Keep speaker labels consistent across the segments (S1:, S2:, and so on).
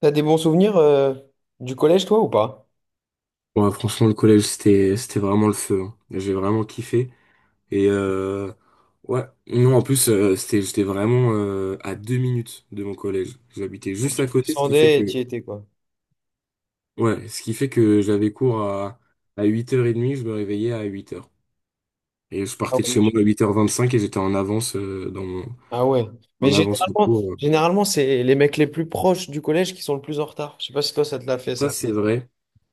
S1: T'as des bons souvenirs du collège, toi, ou pas?
S2: Ouais, franchement, le collège, c'était vraiment le feu, hein. J'ai vraiment kiffé. Et euh, ouais, non, en plus, j'étais vraiment à 2 minutes de mon collège. J'habitais
S1: Quand
S2: juste à
S1: tu
S2: côté, ce qui fait
S1: descendais et
S2: que,
S1: tu y étais, quoi.
S2: ouais, ce qui fait que j'avais cours à 8h30. Je me réveillais à 8h. Et je
S1: Ah
S2: partais de
S1: ouais.
S2: chez moi à 8h25 et j'étais en avance,
S1: Ah ouais. Mais
S2: en avance au
S1: généralement,
S2: cours.
S1: c'est les mecs les plus proches du collège qui sont le plus en retard. Je sais pas si toi, ça te l'a fait,
S2: Ça,
S1: ça.
S2: c'est vrai.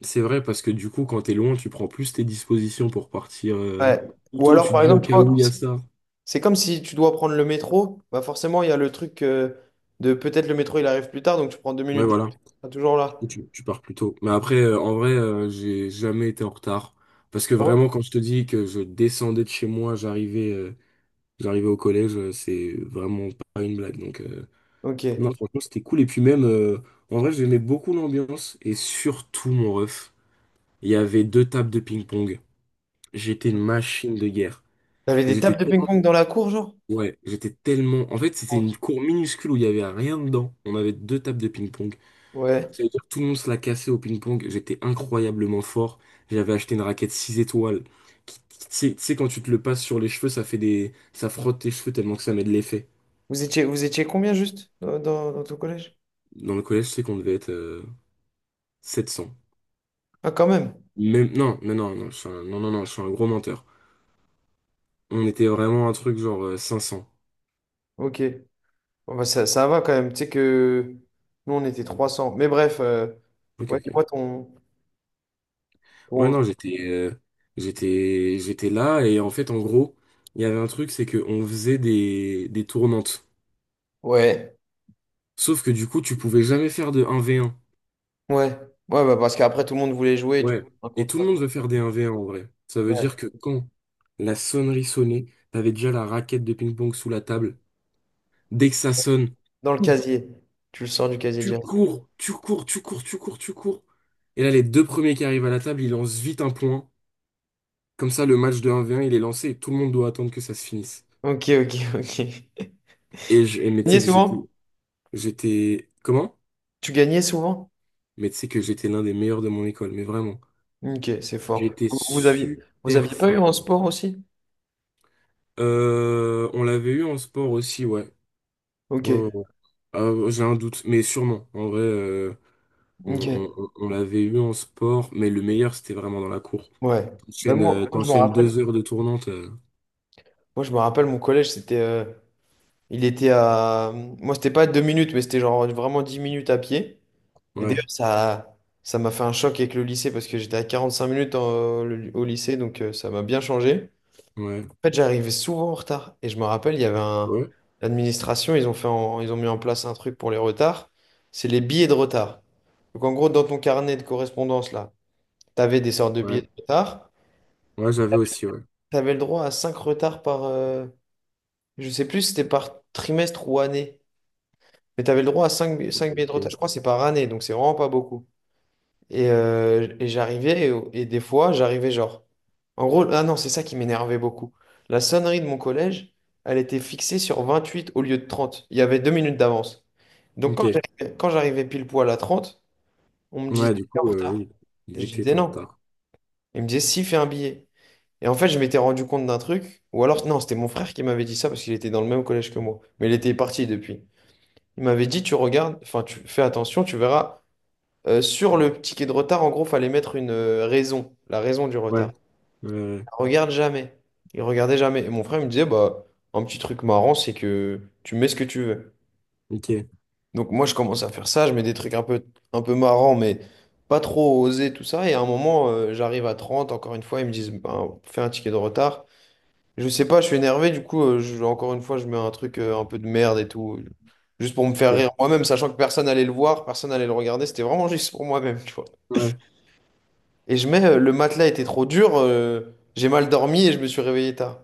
S2: C'est vrai parce que du coup, quand t'es loin, tu prends plus tes dispositions pour partir
S1: Ouais.
S2: plus
S1: Ou
S2: tôt.
S1: alors,
S2: Tu te
S1: par
S2: dis au
S1: exemple, tu
S2: cas où
S1: vois,
S2: il y a
S1: c'est
S2: ça.
S1: c'est comme si tu dois prendre le métro. Bah forcément, il y a le truc de peut-être le métro, il arrive plus tard, donc tu prends deux
S2: Ouais,
S1: minutes. de
S2: voilà.
S1: retard. T'es toujours là.
S2: Tu pars plus tôt. Mais après, en vrai, j'ai jamais été en retard. Parce que
S1: Ah ouais?
S2: vraiment, quand je te dis que je descendais de chez moi, j'arrivais au collège, c'est vraiment pas une blague. Donc,
S1: Ok.
S2: non, franchement, c'était cool. Et puis même, en vrai, j'aimais beaucoup l'ambiance. Et surtout, mon ref, il y avait deux tables de ping-pong. J'étais une machine de guerre.
S1: T'avais
S2: Mais
S1: des
S2: j'étais
S1: tables de ping-pong
S2: tellement...
S1: dans la cour, genre?
S2: Ouais, en fait, c'était une cour minuscule où il y avait rien dedans. On avait deux tables de ping-pong.
S1: Ouais.
S2: Ça veut dire que tout le monde se l'a cassé au ping-pong. J'étais incroyablement fort. J'avais acheté une raquette 6 étoiles, tu sais, quand tu te le passes sur les cheveux, ça frotte tes cheveux tellement que ça met de l'effet.
S1: Vous étiez combien juste dans ton collège?
S2: Dans le collège, je sais qu'on devait être 700.
S1: Ah, quand même.
S2: Non, mais non, non, non, non, non, je suis un gros menteur. On était vraiment un truc genre 500.
S1: Ok. Bon, bah, ça va quand même. Tu sais que nous, on était 300. Mais bref,
S2: Ok,
S1: ouais,
S2: ok.
S1: dis-moi ton,
S2: Ouais,
S1: ton-
S2: non, j'étais là et en fait, en gros, il y avait un truc, c'est qu'on faisait des tournantes.
S1: Ouais,
S2: Sauf que du coup, tu pouvais jamais faire de 1v1.
S1: ouais. Ouais, bah, parce qu'après, tout le monde voulait jouer, du coup,
S2: Ouais.
S1: un
S2: Et tout
S1: contrat.
S2: le monde veut faire des 1v1 en vrai. Ça veut
S1: Ouais.
S2: dire que quand la sonnerie sonnait, t'avais déjà la raquette de ping-pong sous la table. Dès que ça sonne,
S1: Dans le casier. Tu le sors du casier
S2: tu
S1: déjà.
S2: cours, tu cours, tu cours, tu cours, tu cours. Et là, les deux premiers qui arrivent à la table, ils lancent vite un point. Comme ça, le match de 1v1, il est lancé et tout le monde doit attendre que ça se finisse.
S1: Ok, ok, ok.
S2: Et, je, et Mais
S1: Tu
S2: tu
S1: gagnais
S2: sais que
S1: souvent?
S2: j'étais. Comment?
S1: Tu gagnais souvent?
S2: Mais tu sais que j'étais l'un des meilleurs de mon école, mais vraiment.
S1: Ok, c'est fort.
S2: J'étais
S1: Vous, vous aviez, vous
S2: super
S1: aviez pas eu
S2: fort.
S1: en sport aussi?
S2: On l'avait eu en sport aussi, ouais.
S1: Ok,
S2: Ouais, ouais, ouais. J'ai un doute, mais sûrement. En vrai, on, on-
S1: ok.
S2: on- on l'avait eu en sport, mais le meilleur, c'était vraiment dans la cour.
S1: Ouais. Bah,
S2: T'enchaînes, euh,
S1: je me
S2: t'enchaînes
S1: rappelle.
S2: 2 heures de tournante. euh,
S1: Moi, je me rappelle, mon collège, c'était. Il était à. Moi, c'était pas deux minutes, mais c'était genre vraiment 10 minutes à pied. Et
S2: ouais,
S1: d'ailleurs, ça m'a fait un choc avec le lycée parce que j'étais à 45 minutes au lycée, donc ça m'a bien changé.
S2: ouais,
S1: En fait, j'arrivais souvent en retard. Et je me rappelle, il y avait un...
S2: ouais,
S1: L'administration, ils ont mis en place un truc pour les retards. C'est les billets de retard. Donc en gros, dans ton carnet de correspondance, là, tu avais des sortes de billets de
S2: ouais.
S1: retard.
S2: Ouais, j'avais aussi, ouais.
S1: Tu avais le droit à 5 retards par... je sais plus si c'était par trimestre ou année. Mais tu avais le droit à 5 billets de retard. Je
S2: Ok.
S1: crois que c'est par année, donc c'est vraiment pas beaucoup. Et, j'arrivais, des fois, j'arrivais genre. En gros, ah non, c'est ça qui m'énervait beaucoup. La sonnerie de mon collège, elle était fixée sur 28 au lieu de 30. Il y avait 2 minutes d'avance. Donc quand
S2: Ok.
S1: j'arrivais, quand j'arrivais pile poil à 30, on me disait,
S2: Ouais, du
S1: t'es en
S2: coup,
S1: retard.
S2: oui. Il
S1: Je
S2: disait que
S1: disais
S2: t'étais en
S1: non.
S2: retard.
S1: Il me disait, si, fais un billet. Et en fait, je m'étais rendu compte d'un truc. Ou alors, non, c'était mon frère qui m'avait dit ça parce qu'il était dans le même collège que moi. Mais il était parti depuis. Il m'avait dit, tu regardes, enfin, tu fais attention, tu verras. Sur le ticket de retard, en gros, fallait mettre une raison, la raison du
S2: Ouais,
S1: retard.
S2: ouais, ouais.
S1: Il regarde jamais. Il regardait jamais. Et mon frère il me disait, bah, un petit truc marrant, c'est que tu mets ce que tu veux.
S2: Ok,
S1: Donc moi, je commence à faire ça, je mets des trucs un peu marrants, mais pas trop osés, tout ça. Et à un moment, j'arrive à 30. Encore une fois, ils me disent, bah, fais un ticket de retard. Je sais pas, je suis énervé, du coup, encore une fois, je mets un truc un peu de merde et tout. Juste pour me faire
S2: ok.
S1: rire moi-même, sachant que personne allait le voir, personne allait le regarder. C'était vraiment juste pour moi-même, tu vois.
S2: Ouais,
S1: Et je mets, le matelas était trop dur, j'ai mal dormi et je me suis réveillé tard.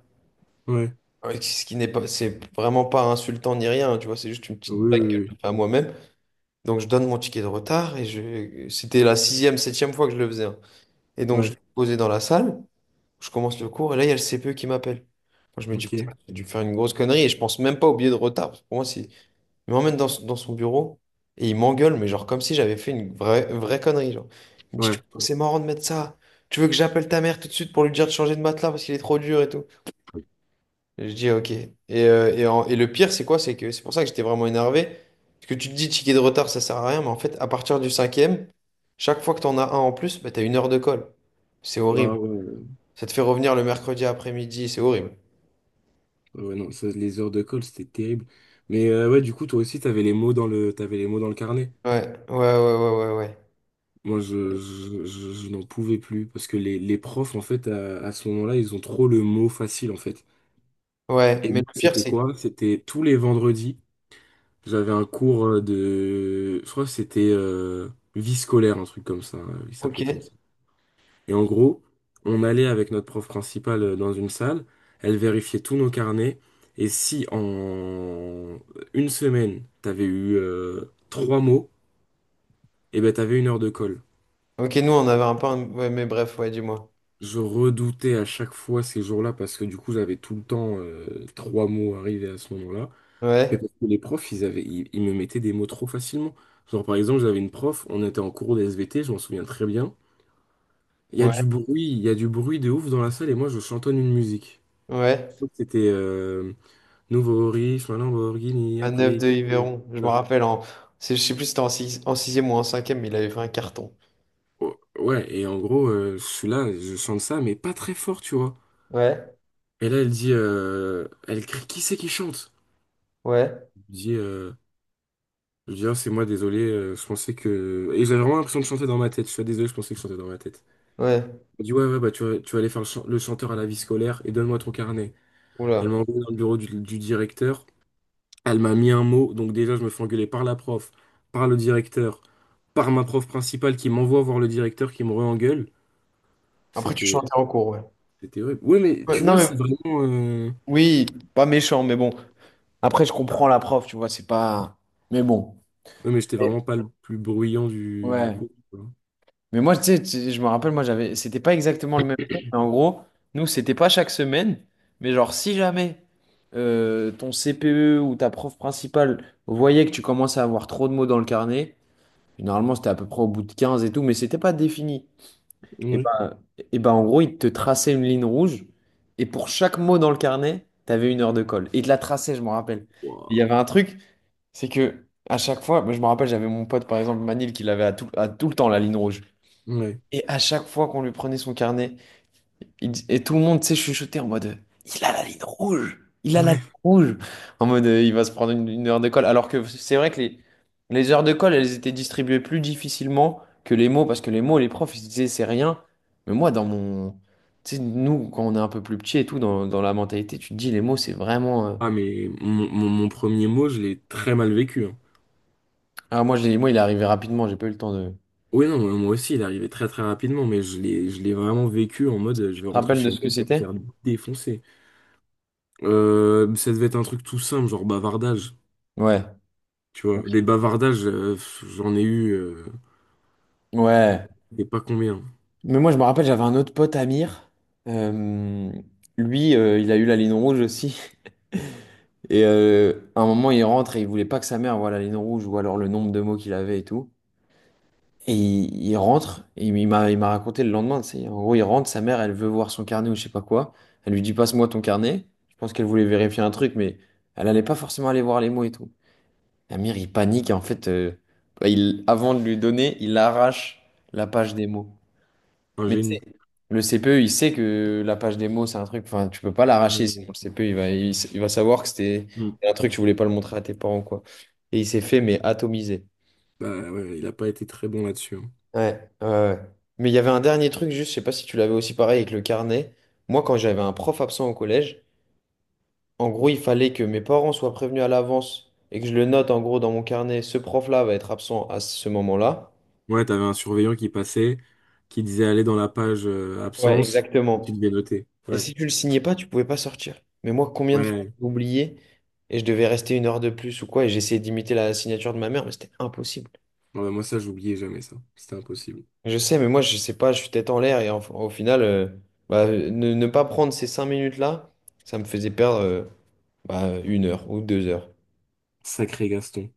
S2: ouais.
S1: Ouais, Ce qui n'est pas, c'est vraiment pas insultant ni rien, tu vois, c'est juste une
S2: Oui,
S1: petite
S2: oui,
S1: blague que
S2: oui.
S1: je fais à moi-même. Donc je donne mon ticket de retard c'était la sixième, septième fois que je le faisais, hein. Et
S2: oui.
S1: donc je
S2: Ouais,
S1: suis posé dans la salle, je commence le cours et là il y a le CPE qui m'appelle. Moi, je me dis, putain,
S2: ok.
S1: j'ai dû faire une grosse connerie et je pense même pas au billet de retard. Parce que pour moi, c'est il m'emmène dans son bureau et il m'engueule, mais genre comme si j'avais fait une vraie, vraie connerie. Genre. Il me dit, Tu
S2: Ouais.
S1: c'est marrant de mettre ça. Tu veux que j'appelle ta mère tout de suite pour lui dire de changer de matelas parce qu'il est trop dur et tout. Et je dis, ok. Et le pire, c'est quoi? C'est que c'est pour ça que j'étais vraiment énervé. Parce que tu te dis, ticket de retard, ça sert à rien, mais en fait, à partir du cinquième, chaque fois que t'en as un en plus, bah, t'as une heure de colle. C'est
S2: Ah,
S1: horrible.
S2: ouais, ouais,
S1: Ça te fait revenir le mercredi après-midi, c'est horrible.
S2: ouais. Ouais, non, ça, les heures de colle, c'était terrible. Mais ouais, du coup, toi aussi, t'avais les mots dans le carnet.
S1: Ouais, ouais, ouais, ouais, ouais, ouais.
S2: Moi, je n'en pouvais plus parce que les profs, en fait, à ce moment-là, ils ont trop le mot facile, en fait.
S1: Ouais,
S2: Et
S1: mais
S2: moi,
S1: le pire,
S2: c'était
S1: c'est...
S2: quoi? C'était tous les vendredis, j'avais un cours de, je crois que c'était vie scolaire, un truc comme ça. Il
S1: Ok.
S2: s'appelait comme ça. Et en gros, on allait avec notre prof principale dans une salle, elle vérifiait tous nos carnets. Et si en une semaine, t'avais eu trois mots, et ben t'avais une heure de colle.
S1: Ok, nous, on avait un peu... Ouais, mais bref, ouais, dis-moi.
S2: Je redoutais à chaque fois ces jours-là parce que du coup j'avais tout le temps trois mots arrivés à ce moment-là. Mais
S1: Ouais,
S2: parce que les profs, ils me mettaient des mots trop facilement. Genre par exemple, j'avais une prof, on était en cours de SVT, je m'en souviens très bien. Il y a du
S1: ouais,
S2: bruit, il y a du bruit de ouf dans la salle et moi je chantonne une musique. Je
S1: ouais.
S2: crois que c'était Nouveau riche, ma Lamborghini,
S1: Un 9
S2: après.
S1: de
S2: quelques-
S1: Yveron. Je me
S2: Voilà.
S1: rappelle, en... je sais plus si c'était en 6... en sixième ou en cinquième, mais il avait fait un carton.
S2: Oh, ouais, et en gros, je suis là, je chante ça, mais pas très fort, tu vois.
S1: Ouais,
S2: Et là, elle dit, elle crie, qui c'est qui chante?
S1: ouais,
S2: Je dis, euh, c'est moi, désolé, je pensais que... Et j'avais vraiment l'impression de chanter dans ma tête, je suis désolé, je pensais que je chantais dans ma tête.
S1: ouais.
S2: Elle me dit, ouais, ouais, bah tu vas aller faire le chanteur à la vie scolaire et donne-moi ton carnet. Elle
S1: Oula.
S2: m'a envoyé dans le bureau du directeur, elle m'a mis un mot, donc déjà je me fais engueuler par la prof, par le directeur, par ma prof principale qui m'envoie voir le directeur qui me re-engueule.
S1: Après, tu
S2: C'était,
S1: chantais en cours, ouais.
S2: c'était horrible. Ouais, mais
S1: Ouais,
S2: tu
S1: non,
S2: vois,
S1: mais...
S2: c'est vraiment... euh,
S1: Oui, pas méchant, mais bon. Après, je comprends la prof, tu vois, c'est pas... Mais bon.
S2: Ouais, mais j'étais
S1: Et-
S2: vraiment pas le plus bruyant du
S1: Ouais.
S2: cours, quoi.
S1: Mais moi, tu sais, je me rappelle, moi, j'avais, c'était pas exactement le même truc, mais en gros, nous, c'était pas chaque semaine, mais genre, si jamais ton CPE ou ta prof principale voyait que tu commençais à avoir trop de mots dans le carnet, normalement, c'était à peu près au bout de 15 et tout, mais c'était pas défini. Et
S2: Ouais.
S1: ben, et ben, en gros, il te traçait une ligne rouge, et pour chaque mot dans le carnet, t'avais une heure de colle. Et il te la traçait, je me rappelle. Et il y
S2: Ouah.
S1: avait un truc, c'est que, à chaque fois, moi, je me rappelle, j'avais mon pote, par exemple, Manil, qui l'avait à tout le temps, la ligne rouge.
S2: Ouais.
S1: Et à chaque fois qu'on lui prenait son carnet, il et tout le monde, tu sais, chuchotait en mode, il a la ligne rouge, il a la ligne
S2: Ouais.
S1: rouge, en mode, il va se prendre une heure de colle. Alors que c'est vrai que les heures de colle, elles étaient distribuées plus difficilement que les mots, parce que les mots, les profs, ils se disaient, c'est rien. Mais moi, dans mon, tu sais, nous, quand on est un peu plus petit et tout, dans la mentalité, tu te dis, les mots, c'est vraiment.
S2: Ah mais mon premier mot, je l'ai très mal vécu, hein.
S1: Ah, moi, je- les moi il est arrivé rapidement, j'ai pas eu le temps de.
S2: Oui, non, moi aussi, il est arrivé très très rapidement, mais je l'ai vraiment vécu en mode je
S1: Tu te
S2: vais rentrer
S1: rappelles de
S2: chez moi,
S1: ce que
S2: je vais me
S1: c'était?
S2: faire défoncer. Ça devait être un truc tout simple, genre bavardage,
S1: Ouais.
S2: tu
S1: Ok.
S2: vois. Des bavardages, j'en ai eu
S1: Ouais.
S2: des pas combien.
S1: Mais moi, je me rappelle, j'avais un autre pote, Amir. Euh, lui, il a eu la ligne rouge aussi. À un moment, il rentre et il voulait pas que sa mère voie la ligne rouge ou alors le nombre de mots qu'il avait et tout. Et il rentre, et il m'a raconté le lendemain, tu sais. En gros, il rentre, sa mère, elle veut voir son carnet ou je sais pas quoi. Elle lui dit, passe-moi ton carnet. Je pense qu'elle voulait vérifier un truc, mais elle allait pas forcément aller voir les mots et tout. Amir, il panique et en fait, avant de lui donner, il arrache la page des mots.
S2: Un
S1: Mais tu sais,
S2: génie.
S1: le CPE, il sait que la page démo, c'est un truc, enfin, tu peux pas l'arracher, sinon
S2: Euh,
S1: le CPE, il va savoir que c'était
S2: hmm.
S1: un truc, tu voulais pas le montrer à tes parents, quoi. Et il s'est fait, mais atomiser.
S2: Bah ouais, il a pas été très bon là-dessus, hein.
S1: Ouais, ouais, ouais. Mais il y avait un dernier truc, juste, je sais pas si tu l'avais aussi pareil avec le carnet. Moi, quand j'avais un prof absent au collège, en gros, il fallait que mes parents soient prévenus à l'avance et que je le note, en gros, dans mon carnet, ce prof-là va être absent à ce moment-là.
S2: Ouais, t'avais un surveillant qui passait, qui disait aller dans la page
S1: Ouais,
S2: absence, et tu
S1: exactement.
S2: devais noter.
S1: Et
S2: Ouais,
S1: si tu le signais pas, tu pouvais pas sortir. Mais moi, combien de fois
S2: ouais.
S1: j'ai oublié et je devais rester une heure de plus ou quoi, et j'essayais d'imiter la signature de ma mère, mais c'était impossible.
S2: Ouais, moi ça, j'oubliais jamais ça. C'était impossible.
S1: Je sais, mais moi, je sais pas, je suis tête en l'air et au final, ne pas prendre ces 5 minutes-là, ça me faisait perdre une heure ou 2 heures.
S2: Sacré Gaston.